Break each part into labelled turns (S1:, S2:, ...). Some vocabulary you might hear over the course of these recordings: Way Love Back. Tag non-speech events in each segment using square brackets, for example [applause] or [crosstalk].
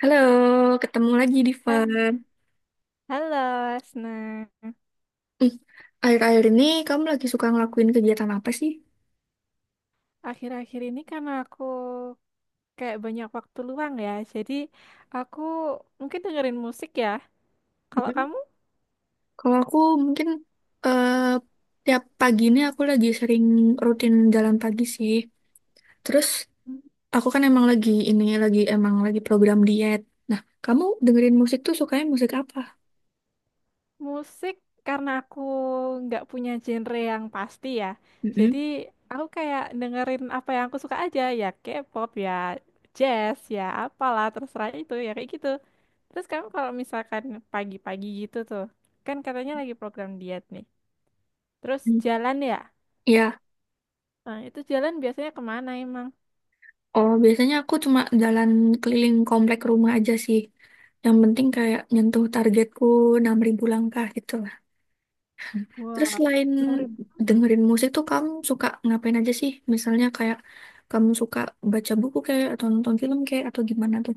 S1: Halo, ketemu lagi di Fun.
S2: Ha- Halo, Asna.
S1: Hmm, akhir-akhir ini kamu lagi suka ngelakuin kegiatan apa sih?
S2: Akhir-akhir ini karena aku kayak banyak waktu luang ya, jadi aku mungkin dengerin musik ya. Kalau kamu
S1: mm Kalau aku mungkin, eh, tiap pagi ini aku lagi sering rutin jalan pagi sih. Terus
S2: Hmm.
S1: aku kan emang lagi ini lagi emang lagi program diet. Nah, kamu dengerin musik tuh sukanya musik apa?
S2: Musik karena aku nggak punya genre yang pasti ya,
S1: Mm-mm.
S2: jadi aku kayak dengerin apa yang aku suka aja ya, K-pop ya, jazz ya, apalah terserah itu ya kayak gitu. Terus kamu kalau misalkan pagi-pagi gitu tuh, kan katanya lagi program diet nih, terus
S1: Hmm.
S2: jalan ya.
S1: Ya,
S2: Nah, itu jalan biasanya kemana emang?
S1: oh biasanya aku cuma jalan keliling komplek rumah aja sih. Yang penting kayak nyentuh targetku 6.000 langkah gitu. Terus
S2: Wah,
S1: selain
S2: 6.000.
S1: dengerin musik tuh kamu suka ngapain aja sih? Misalnya kayak kamu suka baca buku kayak atau nonton film kayak atau gimana tuh?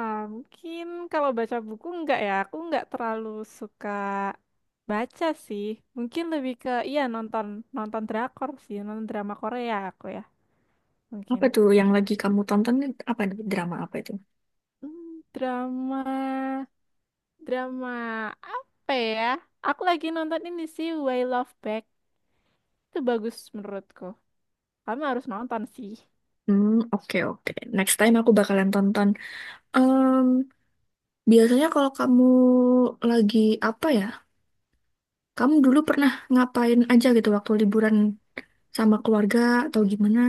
S2: Mungkin kalau baca buku enggak ya, aku enggak terlalu suka baca sih. Mungkin lebih ke iya nonton nonton drakor sih, nonton drama Korea aku ya, mungkin.
S1: Apa tuh yang lagi kamu tonton nih? Apa nih? Drama apa itu?
S2: Hmm, drama drama apa ya? Aku lagi nonton ini sih Way Love Back. Itu bagus menurutku. Kamu harus nonton sih.
S1: Hmm, oke oke. Next time aku bakalan tonton. Em, biasanya kalau kamu lagi apa ya? Kamu dulu pernah ngapain aja gitu waktu liburan sama keluarga atau gimana?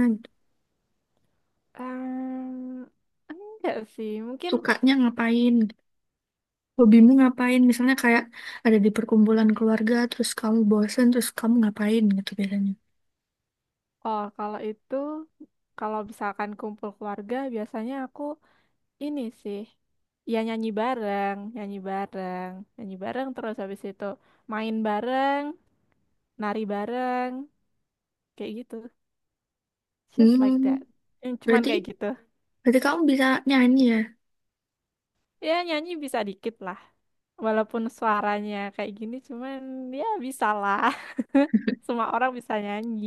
S2: Ehm, enggak sih, mungkin.
S1: Sukanya ngapain? Hobimu ngapain? Misalnya kayak ada di perkumpulan keluarga, terus kamu bosen, terus kamu ngapain gitu biasanya.
S2: Oh, kalau itu, kalau misalkan kumpul keluarga, biasanya aku ini sih, ya nyanyi bareng, nyanyi bareng, nyanyi bareng terus habis itu main bareng, nari bareng, kayak gitu. Just like
S1: Hmm,
S2: that. Yang Cuman
S1: berarti
S2: kayak gitu.
S1: berarti kamu bisa nyanyi ya.
S2: Ya nyanyi bisa dikit lah. Walaupun suaranya kayak gini, cuman ya bisa lah. [laughs] Semua orang bisa nyanyi.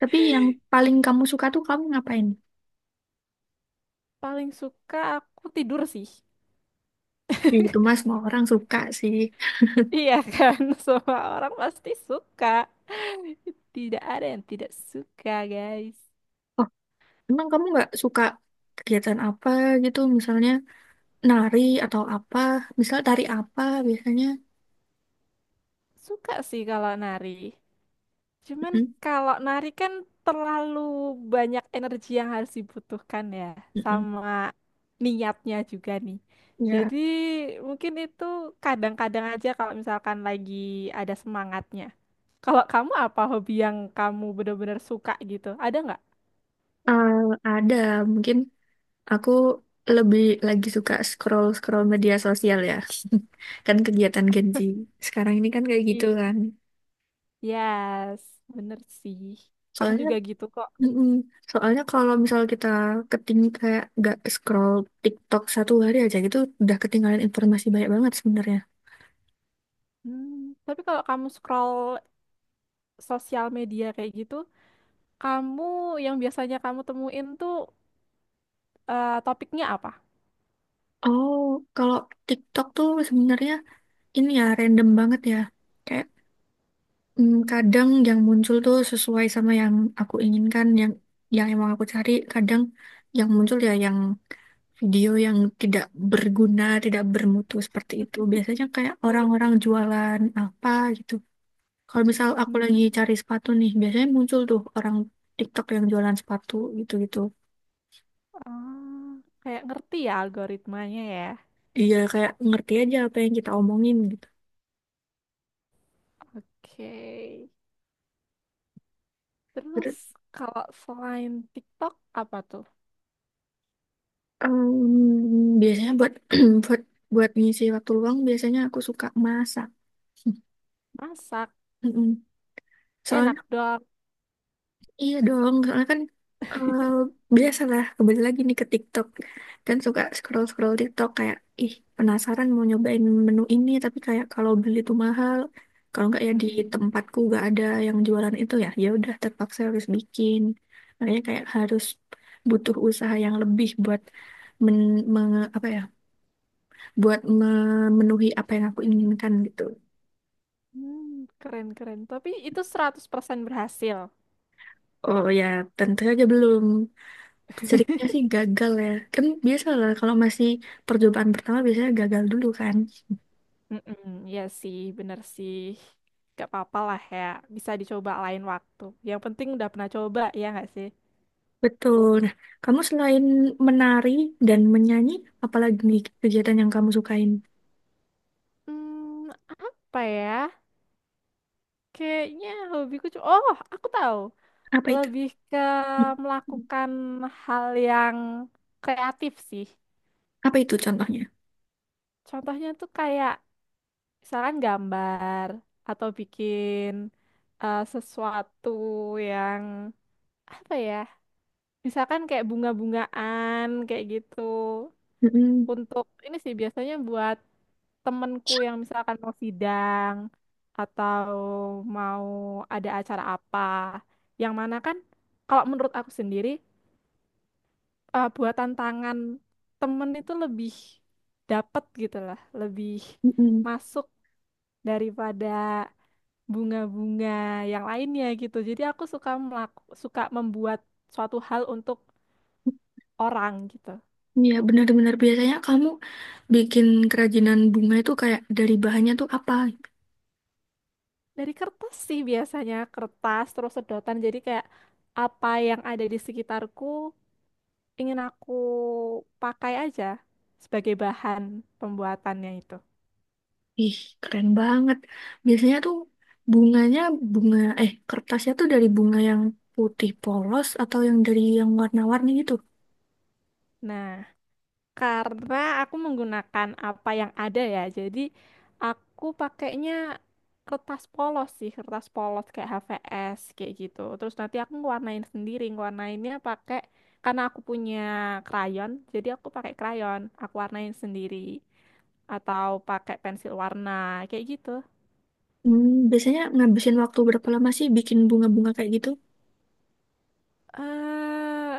S1: Tapi yang paling kamu suka tuh kamu ngapain?
S2: Paling suka aku tidur sih.
S1: Ya gitu mas, semua orang suka sih.
S2: Iya kan, [laughs] semua orang pasti suka. Tidak ada yang tidak suka, guys.
S1: Oh, emang kamu nggak suka kegiatan apa gitu? Misalnya nari atau apa? Misal tari apa biasanya?
S2: Suka sih kalau nari. Cuman
S1: Mm-mm,
S2: kalau nari kan terlalu banyak energi yang harus dibutuhkan ya,
S1: mm-mm.
S2: sama niatnya juga nih.
S1: Ya,
S2: Jadi mungkin itu kadang-kadang aja kalau misalkan lagi ada semangatnya. Kalau kamu apa hobi yang kamu benar-benar suka gitu? Ada
S1: eh, ada mungkin. Aku lebih lagi suka scroll-scroll media sosial ya. [laughs] Kan kegiatan Gen Z. Sekarang ini kan kayak gitu
S2: nggak?
S1: kan.
S2: Yes, bener sih. Aku
S1: Soalnya,
S2: juga gitu kok.
S1: mm-mm, soalnya kalau misal kita keting kayak nggak scroll TikTok satu hari aja gitu, udah ketinggalan informasi banyak banget sebenarnya.
S2: Hmm, tapi kalau kamu scroll sosial media kayak gitu, kamu yang biasanya kamu temuin tuh topiknya apa?
S1: Oh, kalau TikTok tuh sebenarnya ini ya random banget ya. Kayak, kadang yang muncul tuh sesuai sama yang aku inginkan, yang emang aku cari. Kadang yang muncul ya yang video yang tidak berguna, tidak bermutu seperti itu. Biasanya kayak orang-orang jualan apa gitu. Kalau misal aku lagi
S2: Hmm,
S1: cari sepatu nih, biasanya muncul tuh orang TikTok yang jualan sepatu gitu-gitu.
S2: ah, kayak ngerti ya algoritmanya ya.
S1: Iya kayak ngerti aja apa yang kita omongin gitu.
S2: Oke. Terus
S1: Terus,
S2: kalau selain TikTok apa tuh?
S1: biasanya buat [clears throat] buat buat ngisi waktu luang, biasanya aku suka masak.
S2: Masak,
S1: [laughs] Mm-mm.
S2: enak
S1: Soalnya,
S2: dong.
S1: iya dong, soalnya kan, eh, biasalah kembali lagi nih ke TikTok kan suka scroll scroll TikTok kayak ih penasaran mau nyobain menu ini tapi kayak kalau beli tuh mahal kalau nggak ya di
S2: Mm-mm.
S1: tempatku nggak ada yang jualan itu ya ya udah terpaksa harus bikin, makanya kayak harus butuh usaha yang lebih buat men, apa ya buat memenuhi apa yang aku inginkan gitu.
S2: Hmm, keren-keren. Tapi itu 100% berhasil.
S1: Oh ya tentu saja belum. Seringnya sih gagal ya. Kan biasa lah kalau masih percobaan pertama biasanya gagal dulu kan.
S2: Mm-mm, iya sih, bener sih. Gak apa-apa lah ya, bisa dicoba lain waktu. Yang penting udah pernah coba, ya nggak sih?
S1: Betul. Nah, kamu selain menari dan menyanyi, apalagi nih kegiatan yang kamu sukain?
S2: Hmm, apa ya? Kayaknya Oh, aku tahu.
S1: Apa itu?
S2: Lebih ke melakukan hal yang kreatif sih.
S1: Apa itu contohnya?
S2: Contohnya tuh kayak misalkan gambar atau bikin sesuatu yang apa ya? Misalkan kayak bunga-bungaan kayak gitu.
S1: Mm-mm.
S2: Untuk ini sih biasanya buat temenku yang misalkan mau sidang atau mau ada acara apa yang mana kan kalau menurut aku sendiri buatan tangan temen itu lebih dapet gitu lah lebih
S1: Mm-mm.
S2: masuk daripada bunga-bunga yang lainnya gitu jadi aku suka membuat suatu hal untuk orang gitu.
S1: Iya, benar-benar biasanya kamu bikin kerajinan bunga itu kayak dari bahannya tuh apa?
S2: Dari kertas sih biasanya kertas terus sedotan jadi kayak apa yang ada di sekitarku ingin aku pakai aja sebagai bahan pembuatannya itu.
S1: Ih, keren banget. Biasanya tuh bunganya bunga kertasnya tuh dari bunga yang putih polos atau yang dari yang warna-warni gitu.
S2: Nah, karena aku menggunakan apa yang ada ya. Jadi aku pakainya kertas polos sih, kertas polos kayak HVS kayak gitu. Terus nanti aku ngewarnain sendiri, ngewarnainnya pakai karena aku punya krayon, jadi aku pakai krayon, aku warnain sendiri atau pakai pensil warna kayak gitu.
S1: Biasanya ngabisin waktu berapa lama sih bikin bunga-bunga kayak gitu?
S2: Eh,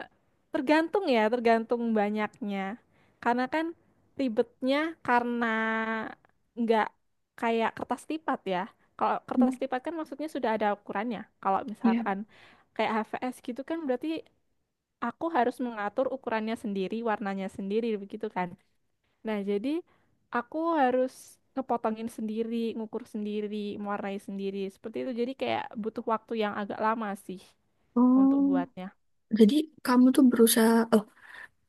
S2: tergantung ya, tergantung banyaknya. Karena kan ribetnya karena nggak kayak kertas lipat ya. Kalau
S1: Hmm,
S2: kertas lipat kan maksudnya sudah ada ukurannya. Kalau
S1: iya.
S2: misalkan kayak HVS gitu kan berarti aku harus mengatur ukurannya sendiri, warnanya sendiri begitu kan. Nah, jadi aku harus ngepotongin sendiri, ngukur sendiri, mewarnai sendiri. Seperti itu. Jadi kayak butuh waktu yang agak lama sih untuk
S1: Oh,
S2: buatnya.
S1: jadi kamu tuh berusaha, oh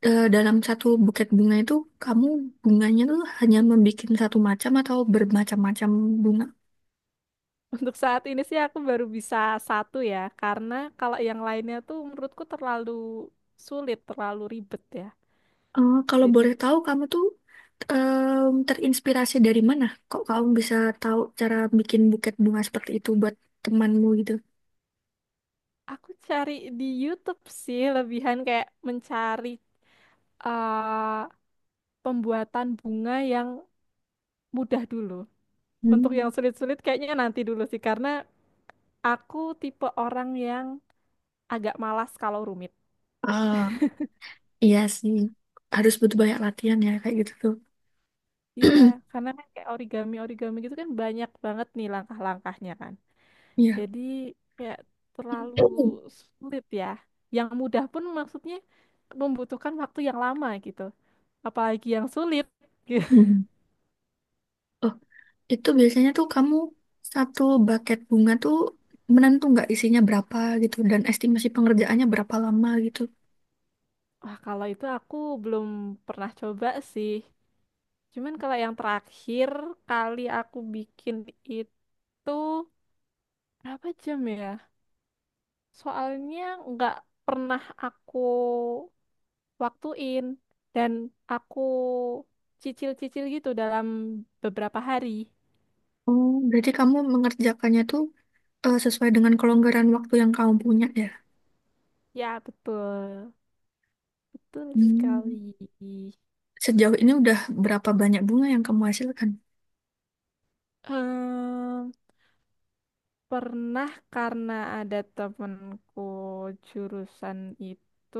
S1: eh, dalam satu buket bunga itu kamu bunganya tuh hanya membuat satu macam atau bermacam-macam bunga?
S2: Untuk saat ini sih aku baru bisa satu ya, karena kalau yang lainnya tuh menurutku terlalu sulit, terlalu ribet ya.
S1: Kalau boleh
S2: Jadi
S1: tahu, kamu tuh, terinspirasi dari mana? Kok kamu bisa tahu cara bikin buket bunga seperti itu buat temanmu gitu?
S2: aku cari di YouTube sih, lebihan kayak mencari eh, pembuatan bunga yang mudah dulu. Untuk
S1: Hmm.
S2: yang sulit-sulit kayaknya nanti dulu sih, karena aku tipe orang yang agak malas kalau rumit.
S1: Ah, iya sih, harus butuh banyak latihan ya kayak gitu tuh.
S2: Iya,
S1: [clears throat]
S2: karena kan kayak origami-origami gitu kan banyak banget nih langkah-langkahnya kan.
S1: Iya.
S2: Jadi ya terlalu sulit ya. Yang mudah pun maksudnya membutuhkan waktu yang lama gitu. Apalagi yang sulit. Gitu.
S1: Hmm. Oh, itu biasanya tuh kamu satu buket bunga tuh menentu nggak isinya berapa gitu dan estimasi pengerjaannya berapa lama gitu.
S2: [laughs] Wah, kalau itu aku belum pernah coba sih. Cuman kalau yang terakhir kali aku bikin itu berapa jam ya? Soalnya nggak pernah aku waktuin dan aku cicil-cicil gitu dalam beberapa hari.
S1: Oh, berarti kamu mengerjakannya tuh, sesuai dengan kelonggaran waktu yang kamu punya ya?
S2: Ya, betul. Betul
S1: Hmm.
S2: sekali.
S1: Sejauh ini udah berapa banyak bunga yang kamu hasilkan?
S2: Em, pernah karena ada temenku jurusan itu,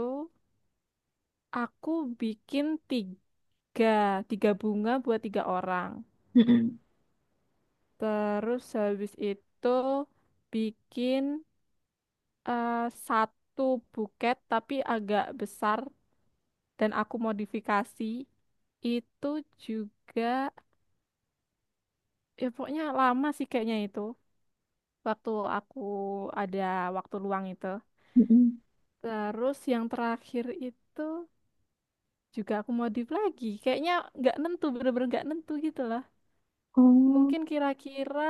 S2: aku bikin 3 bunga buat 3 orang.
S1: Mm-mm.
S2: Terus habis itu bikin eh, satu buket tapi agak besar dan aku modifikasi. Itu juga, ya pokoknya lama sih kayaknya itu. Waktu aku ada waktu luang itu.
S1: Mm-mm.
S2: Terus yang terakhir itu juga aku modif lagi. Kayaknya nggak nentu, bener-bener nggak nentu gitu lah.
S1: Oh,
S2: Mungkin kira-kira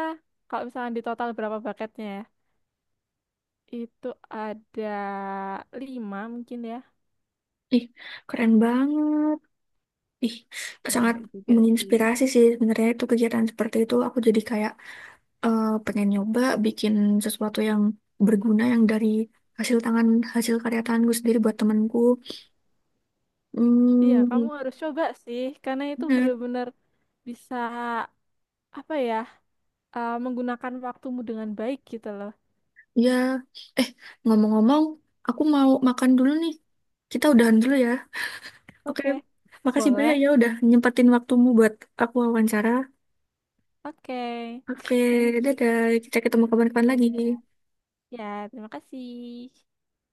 S2: kalau misalnya di total berapa bucketnya ya? Itu ada 5 mungkin ya.
S1: ih, keren banget. Ih, sangat
S2: Enggak juga sih.
S1: menginspirasi sih sebenarnya itu kegiatan seperti itu. Aku jadi kayak, pengen nyoba bikin sesuatu yang berguna yang dari hasil tangan hasil karya tanganku sendiri buat temanku.
S2: Iya, kamu
S1: Hmm,
S2: harus coba sih, karena itu
S1: bener.
S2: bener-bener bisa apa ya, menggunakan waktumu dengan baik gitu loh.
S1: Ya, eh ngomong-ngomong, aku mau makan dulu nih. Kita udahan dulu ya. Oke,
S2: Oke,
S1: makasih banyak
S2: boleh.
S1: ya udah nyempetin waktumu buat aku wawancara.
S2: Oke,
S1: Oke,
S2: Thank you.
S1: dadah. Kita ketemu kapan-kapan lagi.
S2: Ya, terima kasih.